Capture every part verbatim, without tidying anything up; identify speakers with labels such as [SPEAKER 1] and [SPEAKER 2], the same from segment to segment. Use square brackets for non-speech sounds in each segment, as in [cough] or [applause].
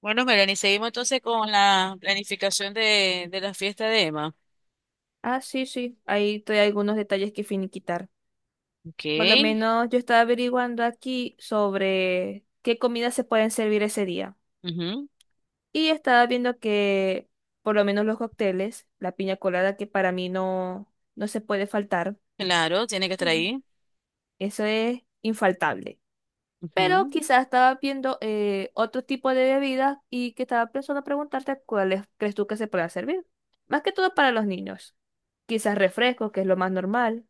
[SPEAKER 1] Bueno, Melanie, seguimos entonces con la planificación de, de la fiesta de Emma.
[SPEAKER 2] Ah, sí, sí, ahí hay algunos detalles que finiquitar.
[SPEAKER 1] Ok.
[SPEAKER 2] Por lo menos yo estaba averiguando aquí sobre qué comidas se pueden servir ese día.
[SPEAKER 1] Ujú.
[SPEAKER 2] Y estaba viendo que por lo menos los cócteles, la piña colada que para mí no, no se puede faltar.
[SPEAKER 1] Claro, tiene que estar
[SPEAKER 2] Ujú.
[SPEAKER 1] ahí.
[SPEAKER 2] Eso es infaltable. Pero
[SPEAKER 1] Ujú.
[SPEAKER 2] quizás estaba viendo eh, otro tipo de bebidas y que estaba pensando preguntarte cuáles crees tú que se pueda servir. Más que todo para los niños. Quizás refrescos, que es lo más normal.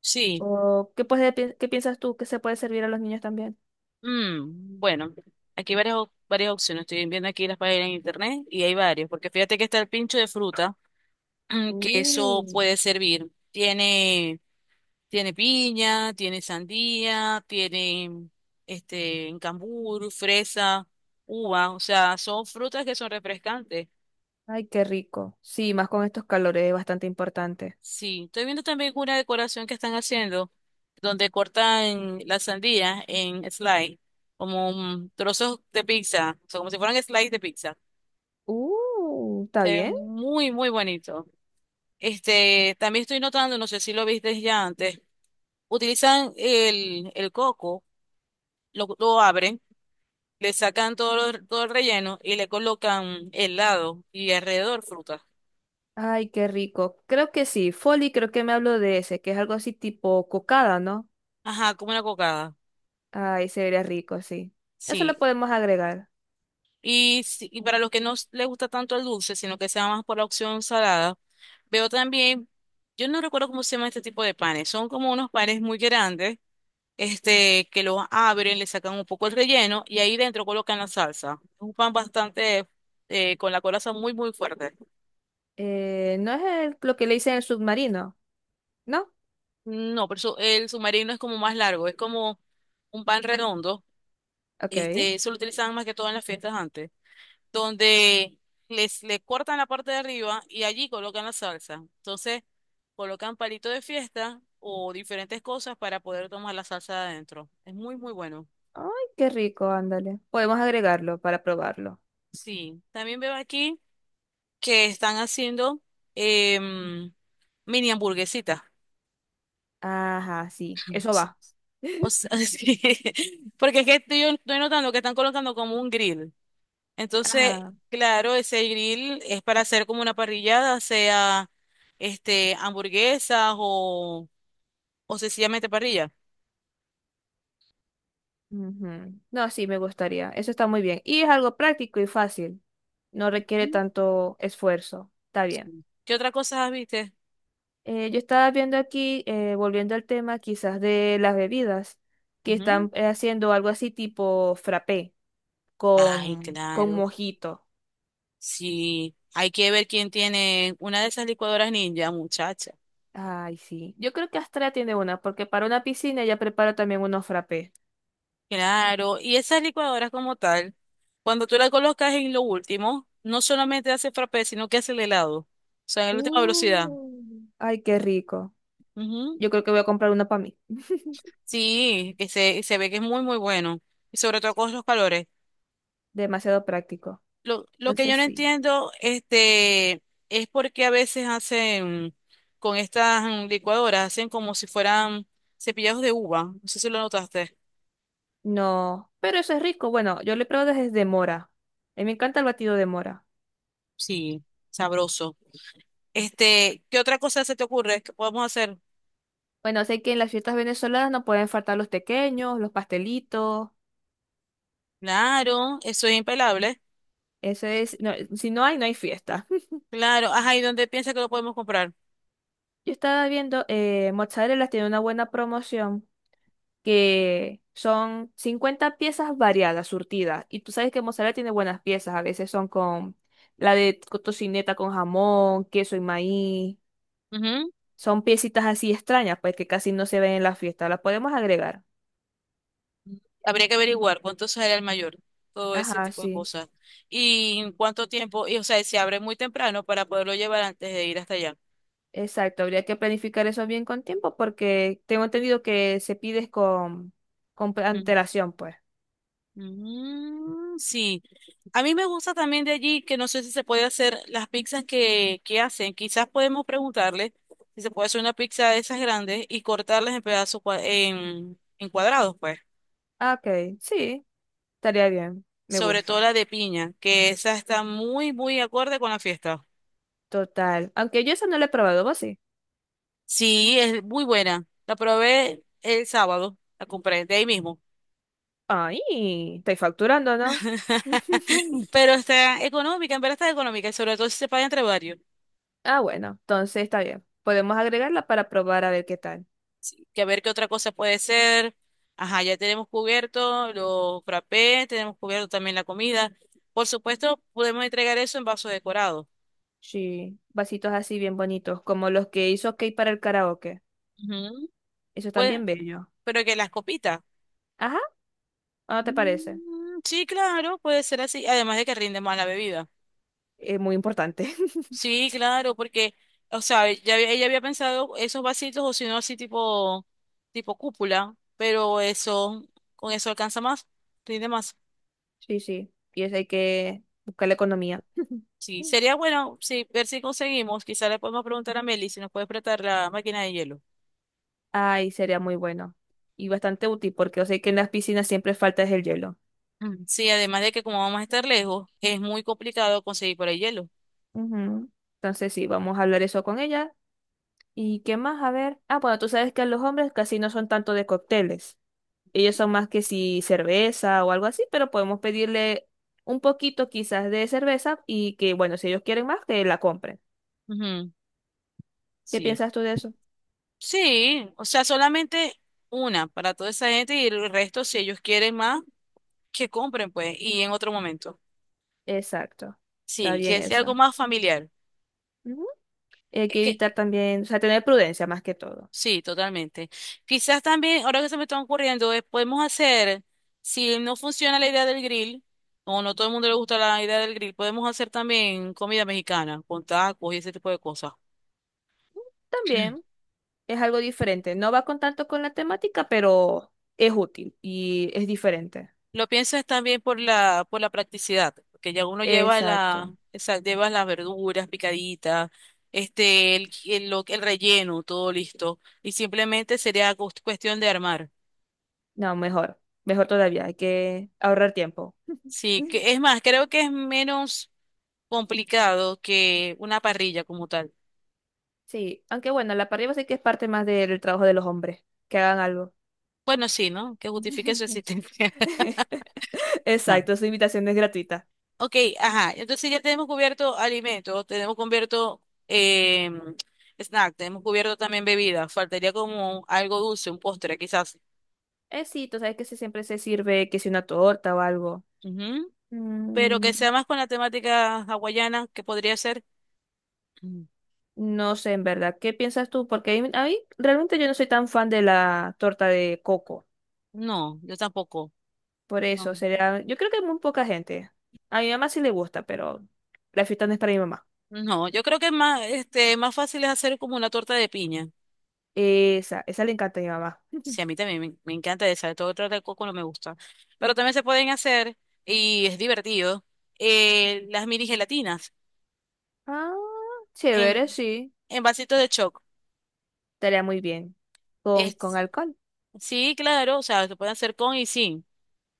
[SPEAKER 1] Sí.
[SPEAKER 2] ¿O qué, puede pi- qué piensas tú que se puede servir a los niños también?
[SPEAKER 1] Mm, bueno, aquí hay varias, op- varias opciones. Estoy viendo aquí las páginas en internet y hay varios. Porque fíjate que está el pincho de fruta. [clears throat] Mm, que eso puede
[SPEAKER 2] Mm.
[SPEAKER 1] servir. Tiene, tiene piña, tiene sandía, tiene este cambur, fresa, uva. O sea, son frutas que son refrescantes.
[SPEAKER 2] Ay, qué rico. Sí, más con estos calores es bastante importante.
[SPEAKER 1] Sí, estoy viendo también una decoración que están haciendo, donde cortan la sandía en slice, como mm, trozos de pizza, o sea, como si fueran slice de pizza.
[SPEAKER 2] Uh, ¿está
[SPEAKER 1] Se ve
[SPEAKER 2] bien?
[SPEAKER 1] muy, muy bonito. Este, también estoy notando, no sé si lo viste ya antes, utilizan el, el coco, lo, lo abren, le sacan todo, lo- todo el relleno y le colocan helado y alrededor fruta.
[SPEAKER 2] Ay, qué rico. Creo que sí. Folly, creo que me hablo de ese, que es algo así tipo cocada, ¿no?
[SPEAKER 1] Ajá, como una cocada.
[SPEAKER 2] Ay, se vería rico, sí. Eso lo
[SPEAKER 1] Sí.
[SPEAKER 2] podemos agregar.
[SPEAKER 1] Y, si- y para los que no s- les gusta tanto el dulce, sino que sea más por la opción salada, veo también, yo no recuerdo cómo se llama este tipo de panes, son como unos panes muy grandes, este, que los abren, le sacan un poco el relleno y ahí dentro colocan la salsa. Es un pan bastante, eh, con la coraza muy, muy fuerte.
[SPEAKER 2] Eh, ¿no es el- lo que le hice en el submarino? ¿No?
[SPEAKER 1] No, pero eso- el submarino es como más largo, es como un pan redondo,
[SPEAKER 2] Ok. Ay,
[SPEAKER 1] este, eso lo utilizaban más que todo en las fiestas antes, donde les le cortan la parte de arriba y allí colocan la salsa. Entonces, colocan palito de fiesta o diferentes cosas para poder tomar la salsa de adentro. Es muy, muy bueno.
[SPEAKER 2] qué rico, ándale. Podemos agregarlo para probarlo.
[SPEAKER 1] Sí, también veo aquí que están haciendo em, mini hamburguesitas.
[SPEAKER 2] Ajá, sí.
[SPEAKER 1] [laughs]
[SPEAKER 2] Eso
[SPEAKER 1] Sí.
[SPEAKER 2] va.
[SPEAKER 1] O
[SPEAKER 2] [laughs]
[SPEAKER 1] sea, [laughs] sí. Porque es que estoy, estoy notando que están colocando como un grill. Entonces,
[SPEAKER 2] Ajá.
[SPEAKER 1] claro, ese grill es para hacer como una parrillada, sea este hamburguesas o o sencillamente parrilla.
[SPEAKER 2] Ujú. No, sí, me gustaría. Eso está muy bien. Y es algo práctico y fácil. No requiere
[SPEAKER 1] Mm,
[SPEAKER 2] tanto esfuerzo. Está bien.
[SPEAKER 1] sí. ¿Qué otra cosa viste?
[SPEAKER 2] Eh, yo estaba viendo aquí, eh, volviendo al tema quizás de las bebidas, que
[SPEAKER 1] Ujú.
[SPEAKER 2] están eh, haciendo algo así tipo frappé
[SPEAKER 1] Ay,
[SPEAKER 2] con, con
[SPEAKER 1] claro.
[SPEAKER 2] mojito.
[SPEAKER 1] Sí, hay que ver quién tiene una de esas licuadoras ninja, muchacha.
[SPEAKER 2] Ay, sí. Yo creo que Astra tiene una, porque para una piscina ella prepara también unos frappés.
[SPEAKER 1] Claro, y esas licuadoras como tal, cuando tú las colocas en lo último, no solamente hace frappé, sino que hace el helado. O sea, en la última velocidad.
[SPEAKER 2] Uh. Ay, qué rico.
[SPEAKER 1] Ujú.
[SPEAKER 2] Yo creo que voy a comprar uno para mí.
[SPEAKER 1] Sí, que se, se ve que es muy, muy bueno. Y sobre todo con los calores.
[SPEAKER 2] Demasiado práctico.
[SPEAKER 1] Lo, lo que yo
[SPEAKER 2] Entonces
[SPEAKER 1] no
[SPEAKER 2] sí.
[SPEAKER 1] entiendo, este, es porque a veces hacen con estas mm, licuadoras, hacen como si fueran cepillados de uva. No sé si lo notaste.
[SPEAKER 2] No, pero eso es rico. Bueno, yo lo he probado desde mora. A mí me encanta el batido de mora.
[SPEAKER 1] Sí, sabroso. Este, ¿qué otra cosa se te ocurre que podemos hacer?
[SPEAKER 2] Bueno, sé que en las fiestas venezolanas no pueden faltar los tequeños, los pastelitos.
[SPEAKER 1] Claro, eso es impelable.
[SPEAKER 2] Eso es, no, si no hay, no hay fiesta. [laughs]
[SPEAKER 1] Claro, ajá, ¿y dónde piensas que lo podemos comprar?
[SPEAKER 2] Yo estaba viendo, eh, Mozzarella tiene una buena promoción que son cincuenta piezas variadas, surtidas. Y tú sabes que Mozzarella tiene buenas piezas. A veces son con la de co- tocineta con jamón, queso y maíz.
[SPEAKER 1] Ujú.
[SPEAKER 2] Son piecitas así extrañas, pues que casi no se ven en la fiesta. Las podemos agregar.
[SPEAKER 1] Habría que averiguar cuánto sale el mayor, todo ese
[SPEAKER 2] Ajá,
[SPEAKER 1] tipo de
[SPEAKER 2] sí,
[SPEAKER 1] cosas. Y en cuánto tiempo, y o sea, se abre muy temprano para poderlo llevar antes de ir hasta allá.
[SPEAKER 2] exacto. Habría que planificar eso bien con tiempo porque tengo entendido que se pides con, con pre- antelación, pues.
[SPEAKER 1] Mm, sí, a mí me gusta también de allí que no sé si se puede hacer las pizzas que, que hacen. Quizás podemos preguntarle si se puede hacer una pizza de esas grandes y cortarlas en pedazos cua- en, en cuadrados, pues.
[SPEAKER 2] Ah, ok, sí, estaría bien. Me
[SPEAKER 1] Sobre todo
[SPEAKER 2] gusta.
[SPEAKER 1] la de piña, que esa está muy, muy acorde con la fiesta.
[SPEAKER 2] Total. Aunque yo eso no lo he probado, vos sí.
[SPEAKER 1] Sí, es muy buena. La probé el sábado, la compré de ahí mismo.
[SPEAKER 2] Ay, estoy facturando, ¿no? [laughs]
[SPEAKER 1] [laughs] Pero está económica, en verdad está económica y sobre todo si se paga entre varios.
[SPEAKER 2] Ah, bueno, entonces está bien. Podemos agregarla para probar a ver qué tal.
[SPEAKER 1] Que a ver qué otra cosa puede ser. Ajá, ya tenemos cubierto los frappés, tenemos cubierto también la comida. Por supuesto, podemos entregar eso en vaso decorado.
[SPEAKER 2] Sí, vasitos así bien bonitos, como los que hizo Kate para el karaoke.
[SPEAKER 1] Ujú.
[SPEAKER 2] Eso
[SPEAKER 1] Pues,
[SPEAKER 2] también bello.
[SPEAKER 1] pero que las copitas.
[SPEAKER 2] Ajá, ¿o ¿no te parece?
[SPEAKER 1] Mm, sí, claro, puede ser así. Además de que rinde más la bebida.
[SPEAKER 2] Es muy importante.
[SPEAKER 1] Sí, claro, porque, o sea, ya había- ella había pensado esos vasitos o si no así tipo, tipo cúpula, pero eso, con eso alcanza más, rinde más.
[SPEAKER 2] Sí, sí. Y eso hay que buscar la economía.
[SPEAKER 1] Sí,
[SPEAKER 2] [laughs]
[SPEAKER 1] sería bueno, sí, ver si conseguimos, quizá le podemos preguntar a Meli si nos puede prestar la máquina de hielo.
[SPEAKER 2] Ay, sería muy bueno. Y bastante útil porque yo sé que en las piscinas siempre falta es el hielo.
[SPEAKER 1] Ujú. Sí, además de que como vamos a estar lejos, es muy complicado conseguir por ahí hielo.
[SPEAKER 2] Ujú. Entonces sí, vamos a hablar eso con ella. ¿Y qué más? A ver. Ah, bueno, tú sabes que los hombres casi no son tanto de cócteles. Ellos son más que si cerveza o algo así, pero podemos pedirle un poquito quizás de cerveza y que, bueno, si ellos quieren más, que la compren.
[SPEAKER 1] Ujú.
[SPEAKER 2] ¿Qué
[SPEAKER 1] Sí,
[SPEAKER 2] piensas tú de eso?
[SPEAKER 1] sí, o sea, solamente una para toda esa gente y el resto, si ellos quieren más, que compren, pues, y en otro momento.
[SPEAKER 2] Exacto. Está
[SPEAKER 1] Sí,
[SPEAKER 2] bien
[SPEAKER 1] que sea algo
[SPEAKER 2] eso.
[SPEAKER 1] más familiar.
[SPEAKER 2] Hay
[SPEAKER 1] Es
[SPEAKER 2] que
[SPEAKER 1] que
[SPEAKER 2] evitar también, o sea, tener prudencia más que todo.
[SPEAKER 1] sí, totalmente. Quizás también, ahora que se me está ocurriendo, es, podemos hacer, si no funciona la idea del grill, o no todo el mundo le gusta la idea del grill, podemos hacer también comida mexicana, con tacos y ese tipo de cosas.
[SPEAKER 2] También
[SPEAKER 1] [clears throat]
[SPEAKER 2] es algo diferente. No va con tanto con la temática, pero es útil y es diferente.
[SPEAKER 1] Lo pienso es también por la, por la practicidad, porque ya uno lleva la,
[SPEAKER 2] Exacto.
[SPEAKER 1] esa- lleva las verduras picaditas, este, el, el, lo- el relleno, todo listo, y simplemente sería cos- cuestión de armar.
[SPEAKER 2] No, mejor. Mejor todavía. Hay que ahorrar tiempo.
[SPEAKER 1] Sí, que
[SPEAKER 2] [laughs]
[SPEAKER 1] es más, creo que es menos complicado que una parrilla como tal.
[SPEAKER 2] Sí, aunque bueno, la parrilla sí que es parte más del trabajo de los hombres. Que hagan algo.
[SPEAKER 1] Bueno, sí, ¿no? Que justifique su
[SPEAKER 2] [laughs]
[SPEAKER 1] existencia. [laughs] Ajá.
[SPEAKER 2] Exacto, su invitación es gratuita.
[SPEAKER 1] Ok, ajá. Entonces ya tenemos cubierto alimentos, tenemos cubierto eh, snack, tenemos cubierto también bebida. Faltaría como algo dulce, un postre quizás.
[SPEAKER 2] Eh, sí, tú sabes que se- siempre se sirve que si una torta o algo.
[SPEAKER 1] Ujú. ¿Pero
[SPEAKER 2] Mm.
[SPEAKER 1] que sea más con la temática hawaiana, que podría ser? Mm.
[SPEAKER 2] No sé, en verdad, ¿qué piensas tú? Porque a mí, a mí realmente yo no soy tan fan de la torta de coco.
[SPEAKER 1] No, yo tampoco.
[SPEAKER 2] Por
[SPEAKER 1] No.
[SPEAKER 2] eso, sería, yo creo que muy poca gente. A mi mamá sí le gusta, pero la fiesta no es para mi mamá.
[SPEAKER 1] No, yo creo que es más, este, más fácil es hacer como una torta de piña.
[SPEAKER 2] Esa, esa le encanta a mi mamá.
[SPEAKER 1] Sí, a mí también me, me encanta esa, todo otro de coco no me gusta. Pero también se pueden hacer, y es divertido, eh, las mini gelatinas
[SPEAKER 2] Ah,
[SPEAKER 1] en,
[SPEAKER 2] chévere, sí.
[SPEAKER 1] en vasitos de choc.
[SPEAKER 2] Estaría muy bien. ¿Con, con
[SPEAKER 1] Es,
[SPEAKER 2] alcohol?
[SPEAKER 1] sí, claro, o sea, se pueden hacer con y sin.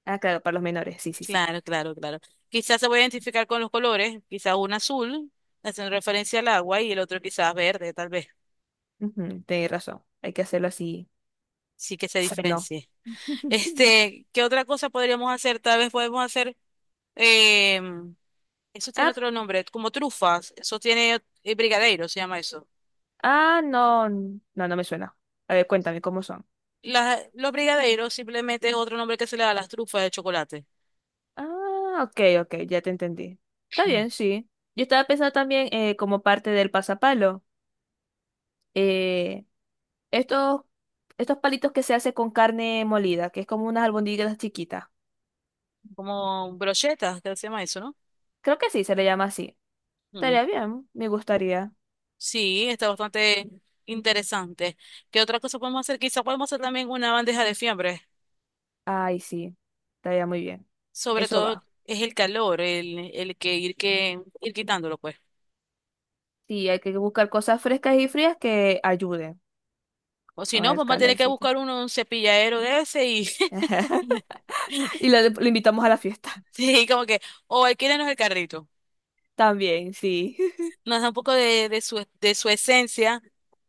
[SPEAKER 2] Ah, claro, para los menores. Sí, sí, sí.
[SPEAKER 1] Claro, claro, claro. Quizás se puede identificar con los colores, quizás un azul, haciendo referencia al agua, y el otro quizás verde, tal vez.
[SPEAKER 2] Ujú, tenés razón. Hay que hacerlo así.
[SPEAKER 1] Sí, que se
[SPEAKER 2] No.
[SPEAKER 1] diferencie.
[SPEAKER 2] [laughs]
[SPEAKER 1] Este, ¿qué otra cosa podríamos hacer? Tal vez podemos hacer em, eso tiene
[SPEAKER 2] Ah,
[SPEAKER 1] otro nombre, como trufas. Eso tiene eh, brigadeiro, se llama eso.
[SPEAKER 2] ah, no. No, no me suena. A ver, cuéntame cómo son.
[SPEAKER 1] Las- los brigadeiros simplemente es otro nombre que se le da a las trufas de chocolate.
[SPEAKER 2] Ah, ok, ok, ya te entendí. Está bien, sí. Yo estaba pensando también eh, como parte del pasapalo. eh, estos, estos palitos que se hace con carne molida, que es como unas albóndigas chiquitas.
[SPEAKER 1] Como brochetas, que se llama eso, ¿no?
[SPEAKER 2] Creo que sí, se le llama así.
[SPEAKER 1] Mm.
[SPEAKER 2] Estaría bien, me gustaría.
[SPEAKER 1] Sí, está bastante interesante. ¿Qué otra cosa podemos hacer? Quizá podemos hacer también una bandeja de fiambre.
[SPEAKER 2] Ay, sí, estaría muy bien.
[SPEAKER 1] Sobre
[SPEAKER 2] Eso
[SPEAKER 1] todo
[SPEAKER 2] va.
[SPEAKER 1] es el calor, el, el que ir que ir quitándolo, pues.
[SPEAKER 2] Sí, hay que buscar cosas frescas y frías que ayuden
[SPEAKER 1] O si
[SPEAKER 2] con
[SPEAKER 1] no,
[SPEAKER 2] el
[SPEAKER 1] vamos a tener que
[SPEAKER 2] calorcito.
[SPEAKER 1] buscar uno, un cepilladero de ese y [laughs]
[SPEAKER 2] [laughs] Y lo, lo invitamos a la fiesta.
[SPEAKER 1] sí, como que, o alquílenos el carrito.
[SPEAKER 2] También, sí.
[SPEAKER 1] Nos da un poco de, de su, de su esencia,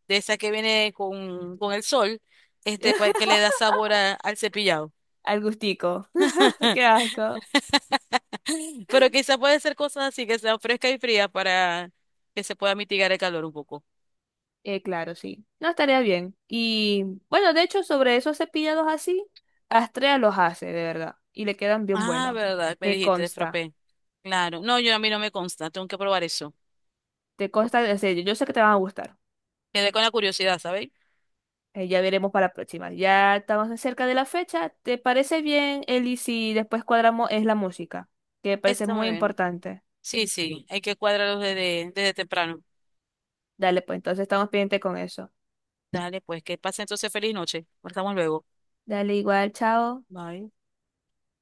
[SPEAKER 1] de esa que viene con, con el sol, este, pa- que le da
[SPEAKER 2] [laughs]
[SPEAKER 1] sabor a- al cepillado.
[SPEAKER 2] Al gustico. [laughs] Qué
[SPEAKER 1] [laughs]
[SPEAKER 2] asco.
[SPEAKER 1] Pero quizás puede ser cosas así, que sea fresca y fría para que se pueda mitigar el calor un poco.
[SPEAKER 2] Eh, claro, sí. No estaría bien. Y bueno, de hecho, sobre esos cepillados así, Astrea los hace, de verdad. Y le quedan bien
[SPEAKER 1] Ah,
[SPEAKER 2] buenos.
[SPEAKER 1] verdad, me
[SPEAKER 2] Me
[SPEAKER 1] dijiste de
[SPEAKER 2] consta.
[SPEAKER 1] frappé. Claro. No, yo a mí no me consta, tengo que probar eso.
[SPEAKER 2] Te consta, en serio, yo sé que te van a gustar.
[SPEAKER 1] Quedé con la curiosidad, ¿sabéis?
[SPEAKER 2] Eh, ya veremos para la próxima. Ya estamos cerca de la fecha. ¿Te parece bien, Eli, si después cuadramos es la música? Que me parece
[SPEAKER 1] Está
[SPEAKER 2] muy
[SPEAKER 1] muy bien.
[SPEAKER 2] importante.
[SPEAKER 1] Sí, sí, hay que cuadrarlos desde, desde temprano.
[SPEAKER 2] Dale, pues entonces estamos pendientes con eso.
[SPEAKER 1] Dale, pues que pase entonces feliz noche. Nos vemos luego.
[SPEAKER 2] Dale igual, chao.
[SPEAKER 1] Bye.